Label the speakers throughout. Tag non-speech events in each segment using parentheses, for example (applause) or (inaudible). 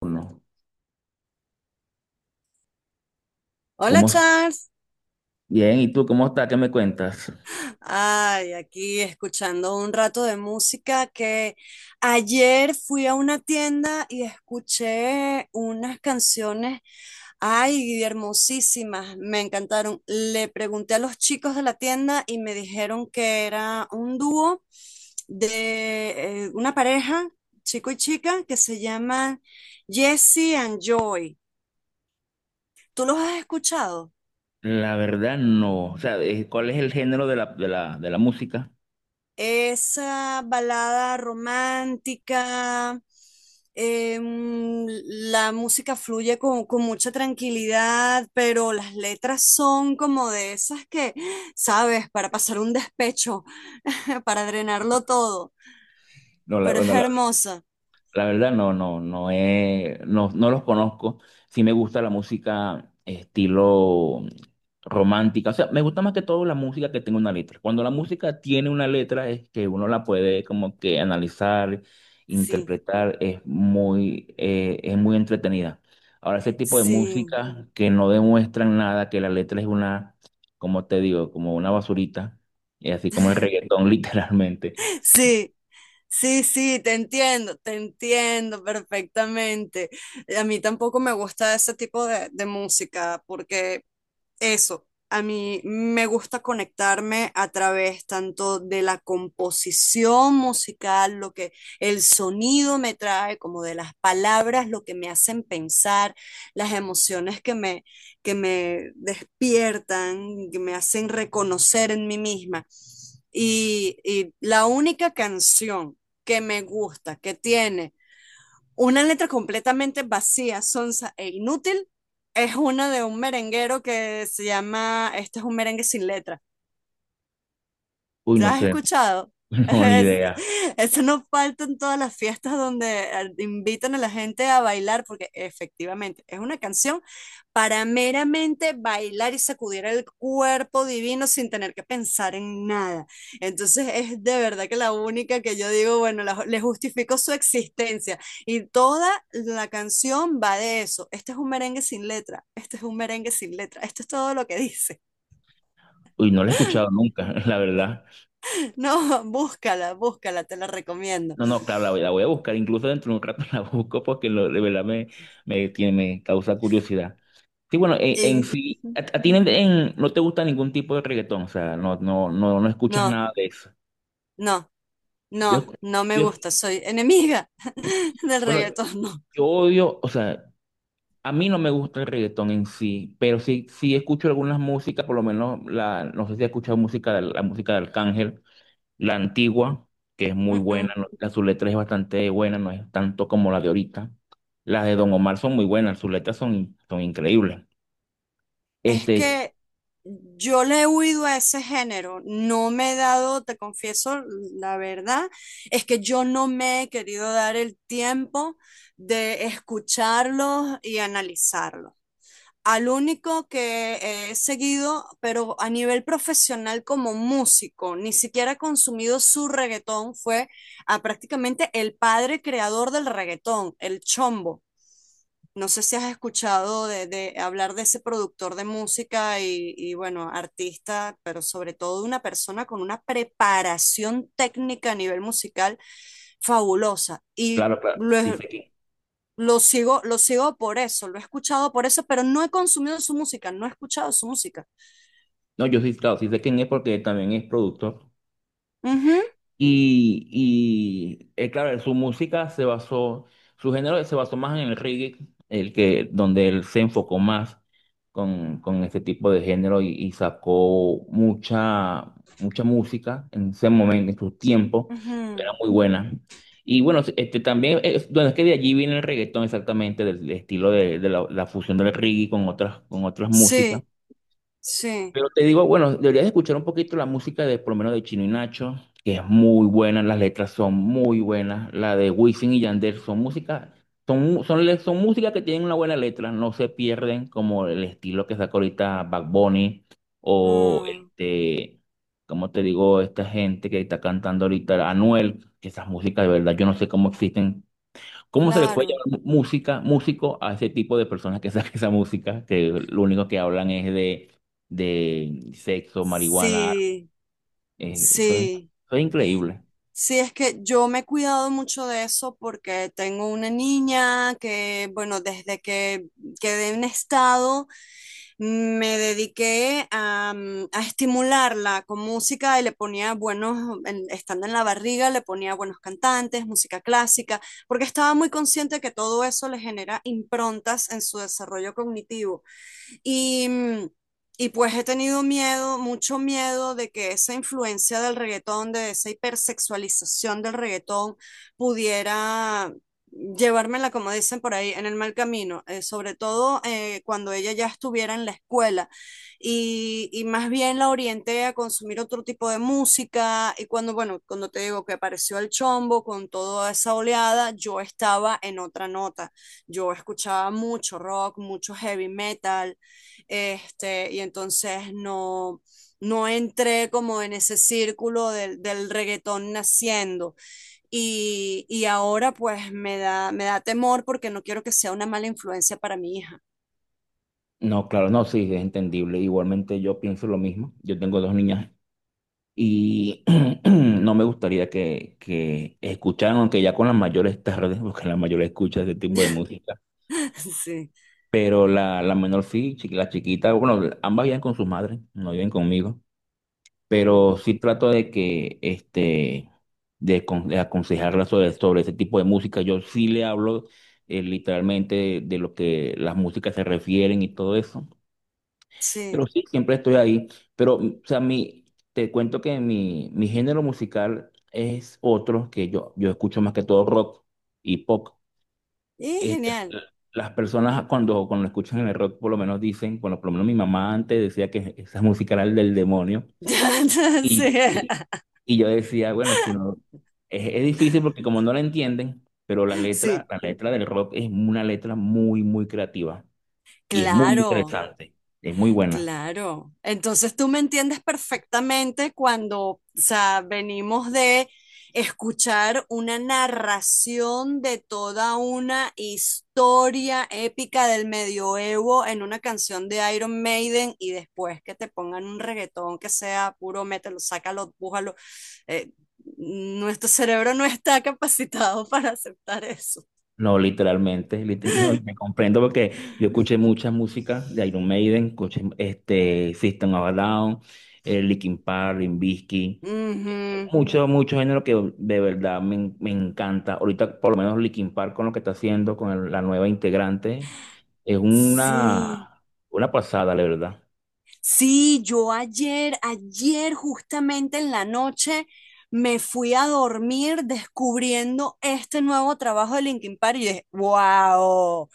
Speaker 1: Uno.
Speaker 2: Hola
Speaker 1: ¿Cómo
Speaker 2: Charles,
Speaker 1: bien? ¿Y tú cómo estás? ¿Qué me cuentas?
Speaker 2: ay, aquí escuchando un rato de música que ayer fui a una tienda y escuché unas canciones, ay, hermosísimas, me encantaron. Le pregunté a los chicos de la tienda y me dijeron que era un dúo de una pareja, chico y chica, que se llaman Jesse and Joy. ¿Tú los has escuchado?
Speaker 1: La verdad no. O sea, ¿cuál es el género de la música?
Speaker 2: Esa balada romántica. eh, mm, la música fluye con mucha tranquilidad, pero las letras son como de esas que, sabes, para pasar un despecho, (laughs) para drenarlo todo,
Speaker 1: No, la,
Speaker 2: pero es
Speaker 1: bueno,
Speaker 2: hermosa.
Speaker 1: la verdad no, no, no los conozco. Sí me gusta la música estilo romántica. O sea, me gusta más que todo la música que tenga una letra. Cuando la música tiene una letra es que uno la puede como que analizar,
Speaker 2: Sí,
Speaker 1: interpretar, es muy entretenida. Ahora, ese tipo de
Speaker 2: sí,
Speaker 1: música que no demuestran nada, que la letra es una, como te digo, como una basurita, así como el reggaetón (laughs) literalmente.
Speaker 2: sí. Sí, sí, te entiendo perfectamente. A mí tampoco me gusta ese tipo de música porque Eso, a mí me gusta conectarme a través tanto de la composición musical, lo que el sonido me trae, como de las palabras, lo que me hacen pensar, las emociones que me despiertan, que me hacen reconocer en mí misma. Y la única canción que me gusta, que tiene una letra completamente vacía, sonsa e inútil es una de un merenguero que se llama Este es un merengue sin letra.
Speaker 1: Uy,
Speaker 2: ¿Te
Speaker 1: no
Speaker 2: has
Speaker 1: sé,
Speaker 2: escuchado?
Speaker 1: (laughs) no, ni
Speaker 2: Es-
Speaker 1: idea.
Speaker 2: eso no falta en todas las fiestas donde invitan a la gente a bailar, porque efectivamente es una canción para meramente bailar y sacudir el cuerpo divino sin tener que pensar en nada. Entonces es de verdad que la única que yo digo, bueno, le justifico su existencia. Y toda la canción va de eso. Este es un merengue sin letra, este es un merengue sin letra, esto es todo lo que dice.
Speaker 1: Uy, no la he escuchado nunca, (laughs) la verdad.
Speaker 2: (laughs) No, búscala, búscala, te la recomiendo.
Speaker 1: No, no, claro, la voy a buscar, incluso dentro de un rato (laughs) la busco porque de verdad tiene, me causa curiosidad. Sí, bueno, en
Speaker 2: Y
Speaker 1: sí, a ti no te gusta ningún tipo de reggaetón, o sea, no, no, no, no escuchas
Speaker 2: no,
Speaker 1: nada de eso.
Speaker 2: no,
Speaker 1: Yo,
Speaker 2: no, no me
Speaker 1: yo,
Speaker 2: gusta. Soy enemiga (laughs) del
Speaker 1: bueno,
Speaker 2: reggaetón, no.
Speaker 1: yo odio, o sea, a mí no me gusta el reggaetón en sí, pero sí, sí escucho algunas músicas, por lo menos la, no sé si has escuchado música, la música de Arcángel. La antigua, que es muy
Speaker 2: Mm,
Speaker 1: buena,
Speaker 2: mm.
Speaker 1: la su letra es bastante buena, no es tanto como la de ahorita. Las de Don Omar son muy buenas, sus letras son, son increíbles.
Speaker 2: Es
Speaker 1: Este,
Speaker 2: que yo le he huido a ese género. No me he dado, te confieso, la verdad, es que yo no me he querido dar el tiempo de escucharlos y analizarlos. Al único que he seguido, pero a nivel profesional como músico, ni siquiera he consumido su reggaetón, fue a prácticamente el padre creador del reggaetón, el Chombo. No sé si has escuchado de hablar de ese productor de música y, bueno, artista, pero sobre todo una persona con una preparación técnica a nivel musical fabulosa. Y
Speaker 1: claro, claro, sí
Speaker 2: lo,
Speaker 1: sé quién.
Speaker 2: lo sigo, lo sigo por eso, lo he escuchado por eso, pero no he consumido su música, no he escuchado su música.
Speaker 1: No, yo sí, claro, sí sé quién es porque también es productor. Y, claro, su música se basó, su género se basó más en el reggae, el que, donde él se enfocó más con este tipo de género y sacó mucha, mucha música en ese momento, en su tiempo,
Speaker 2: Ujú,
Speaker 1: era
Speaker 2: ujú.
Speaker 1: muy buena. Y bueno, este también, es, bueno, es que de allí viene el reggaetón exactamente, del, del estilo de la, la fusión del reggae con otras músicas.
Speaker 2: Sí, sí.
Speaker 1: Pero te digo, bueno, deberías escuchar un poquito la música de, por lo menos de Chino y Nacho, que es muy buena, las letras son muy buenas, la de Wisin y Yandel son música, son, son, son música que tienen una buena letra, no se pierden como el estilo que sacó ahorita Bad Bunny o
Speaker 2: Ah,
Speaker 1: este, como te digo, esta gente que está cantando ahorita, Anuel, que esas músicas de verdad, yo no sé cómo existen. ¿Cómo se le puede
Speaker 2: claro.
Speaker 1: llamar música, músico a ese tipo de personas que (laughs) sacan esa música, que lo único que hablan es de sexo, marihuana?
Speaker 2: Sí,
Speaker 1: eh, eso es,
Speaker 2: sí.
Speaker 1: eso es increíble.
Speaker 2: Sí, es que yo me he cuidado mucho de eso porque tengo una niña que, bueno, desde que quedé en estado, me dediqué a estimularla con música y le ponía buenos, estando en la barriga, le ponía buenos cantantes, música clásica, porque estaba muy consciente que todo eso le genera improntas en su desarrollo cognitivo. Y, mm, y pues he tenido miedo, mucho miedo de que esa influencia del reggaetón, de esa hipersexualización del reggaetón, pudiera llevármela, como dicen por ahí, en el mal camino, sobre todo cuando ella ya estuviera en la escuela y más bien la orienté a consumir otro tipo de música y cuando, bueno, cuando te digo que apareció el chombo con toda esa oleada, yo estaba en otra nota, yo escuchaba mucho rock, mucho heavy metal, este, y entonces no entré como en ese círculo del reggaetón naciendo. Ahora pues me da temor porque no quiero que sea una mala influencia para mi hija.
Speaker 1: No, claro, no, sí, es entendible. Igualmente yo pienso lo mismo. Yo tengo dos niñas y (clears throat) no me gustaría que escucharan, aunque ya con las mayores tarde, (laughs) porque la mayor escucha ese tipo de
Speaker 2: (laughs)
Speaker 1: música.
Speaker 2: Sí,
Speaker 1: Pero la menor sí, la chiquita, bueno, ambas viven con sus madres, no viven conmigo. Pero
Speaker 2: mm,
Speaker 1: sí trato de que, este, de, de aconsejarla sobre, sobre ese tipo de música. Yo sí le hablo literalmente de lo que las músicas se refieren y todo eso, pero
Speaker 2: sí,
Speaker 1: sí, siempre estoy ahí. Pero, mm, o sea, mi, te cuento que mi género musical es otro, que yo escucho más que todo rock y pop.
Speaker 2: y
Speaker 1: Este,
Speaker 2: genial.
Speaker 1: las personas cuando, cuando escuchan el rock por lo menos dicen, bueno, por lo menos mi mamá antes decía que esa música era el del demonio.
Speaker 2: (laughs)
Speaker 1: Y,
Speaker 2: Sí.
Speaker 1: y- y yo decía, bueno, si no, es difícil porque como no la entienden, pero
Speaker 2: Sí,
Speaker 1: la letra del rock es una letra muy, muy creativa y es muy
Speaker 2: claro.
Speaker 1: interesante, es muy buena.
Speaker 2: Claro. Entonces tú me entiendes perfectamente cuando, o sea, venimos de escuchar una narración de toda una historia épica del medioevo en una canción de Iron Maiden y después que te pongan un reggaetón que sea puro mételo, sácalo, pújalo. Eh, Nuestro cerebro no está capacitado (laughs) para aceptar eso.
Speaker 1: No, literalmente, (laughs) no, y me
Speaker 2: (laughs)
Speaker 1: comprendo porque yo escuché mucha música de Iron Maiden, escuché este, System of a Down, Linkin Park, Limp Bizkit,
Speaker 2: Ujú.
Speaker 1: mucho, mucho género que de verdad me, me encanta. Ahorita, por lo menos, Linkin Park con lo que está haciendo, con la nueva integrante, es
Speaker 2: Sí.
Speaker 1: una pasada, la verdad.
Speaker 2: Sí, yo ayer, ayer justamente en la noche me fui a dormir descubriendo este nuevo trabajo de Linkin Park y dije, wow,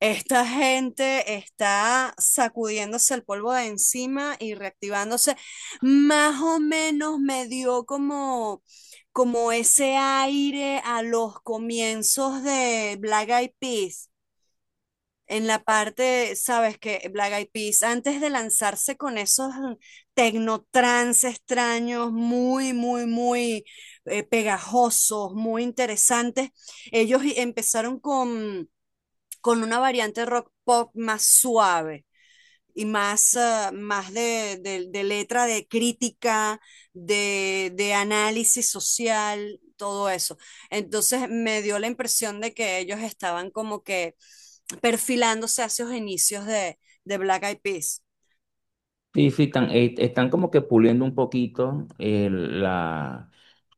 Speaker 2: esta gente está sacudiéndose el polvo de encima y reactivándose. Más o menos me dio como ese aire a los comienzos de Black Eyed Peas en la parte, sabes que Black Eyed Peas, antes de lanzarse con esos tecnotrans extraños, muy, muy, muy pegajosos, muy interesantes, ellos empezaron con una variante rock pop más suave y más de letra, de crítica, de análisis social, todo eso. Entonces me dio la impresión de que ellos estaban como que perfilándose hacia los inicios de Black Eyed Peas.
Speaker 1: Sí, sí, están, están como que puliendo un poquito la,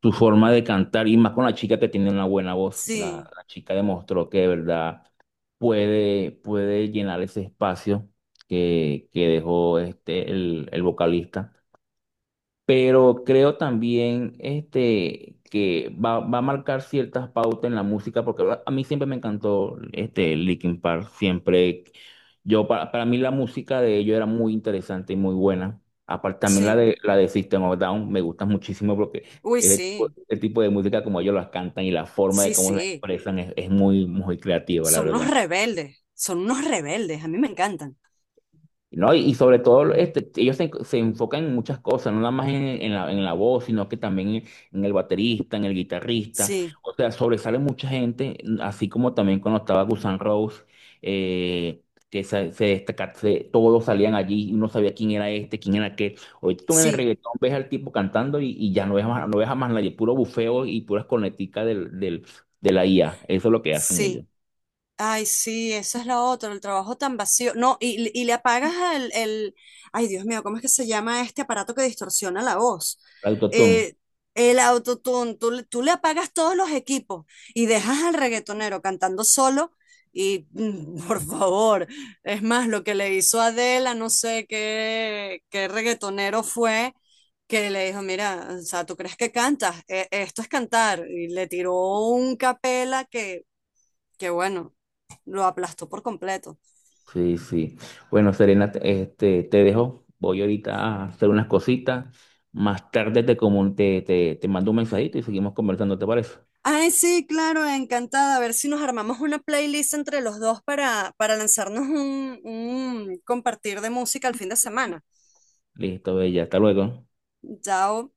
Speaker 1: su forma de cantar y más con la chica que tiene una buena voz. La,
Speaker 2: Sí,
Speaker 1: la chica demostró que de verdad puede, puede llenar ese espacio que dejó este, el vocalista. Pero creo también este, que va, va a marcar ciertas pautas en la música, porque a mí siempre me encantó este, Linkin Park, siempre, yo, para mí la música de ellos era muy interesante y muy buena, aparte también
Speaker 2: sí.
Speaker 1: la de System of Down me gusta muchísimo porque
Speaker 2: Uy, sí,
Speaker 1: ese tipo de música como ellos las cantan y la forma de
Speaker 2: sí,
Speaker 1: cómo la
Speaker 2: sí.
Speaker 1: expresan es muy, muy creativa, la verdad.
Speaker 2: Son unos rebeldes, a mí me encantan.
Speaker 1: No, y sobre todo, este, ellos se, se enfocan en muchas cosas, no nada más en la voz, sino que también en el baterista, en el guitarrista.
Speaker 2: Sí,
Speaker 1: O sea, sobresale mucha gente, mm, así como también cuando estaba Gusan Rose, eh, que se, todos salían allí y uno sabía quién era este, quién era aquel. Ahorita tú en el
Speaker 2: sí,
Speaker 1: reggaetón ves al tipo cantando y ya no ves, no ves a más nadie, puro bufeo y puras corneticas del, del, de la IA. Eso es lo que hacen ellos.
Speaker 2: sí. Ay, sí, esa es la otra, el trabajo tan vacío. No, y le apagas el. Ay, Dios mío, ¿cómo es que se llama este aparato que distorsiona la voz?
Speaker 1: Autotune.
Speaker 2: Eh, el autotune, tú le apagas todos los equipos y dejas al reggaetonero cantando solo y, por favor, es más, lo que le hizo Adela, no sé qué, qué reggaetonero fue, que le dijo, mira, o sea, ¿tú crees que cantas? Esto es cantar. Y le tiró un capela que bueno lo aplastó por completo.
Speaker 1: Sí, sí. Bueno, Serena, este, te dejo. Voy ahorita a hacer unas cositas. Más tarde te, te mando un mensajito y seguimos conversando, ¿te parece?
Speaker 2: Ay, sí, claro, encantada. A ver si nos armamos una playlist entre los dos para, lanzarnos un compartir de música el fin de semana.
Speaker 1: Listo, bella. Hasta luego.
Speaker 2: Ya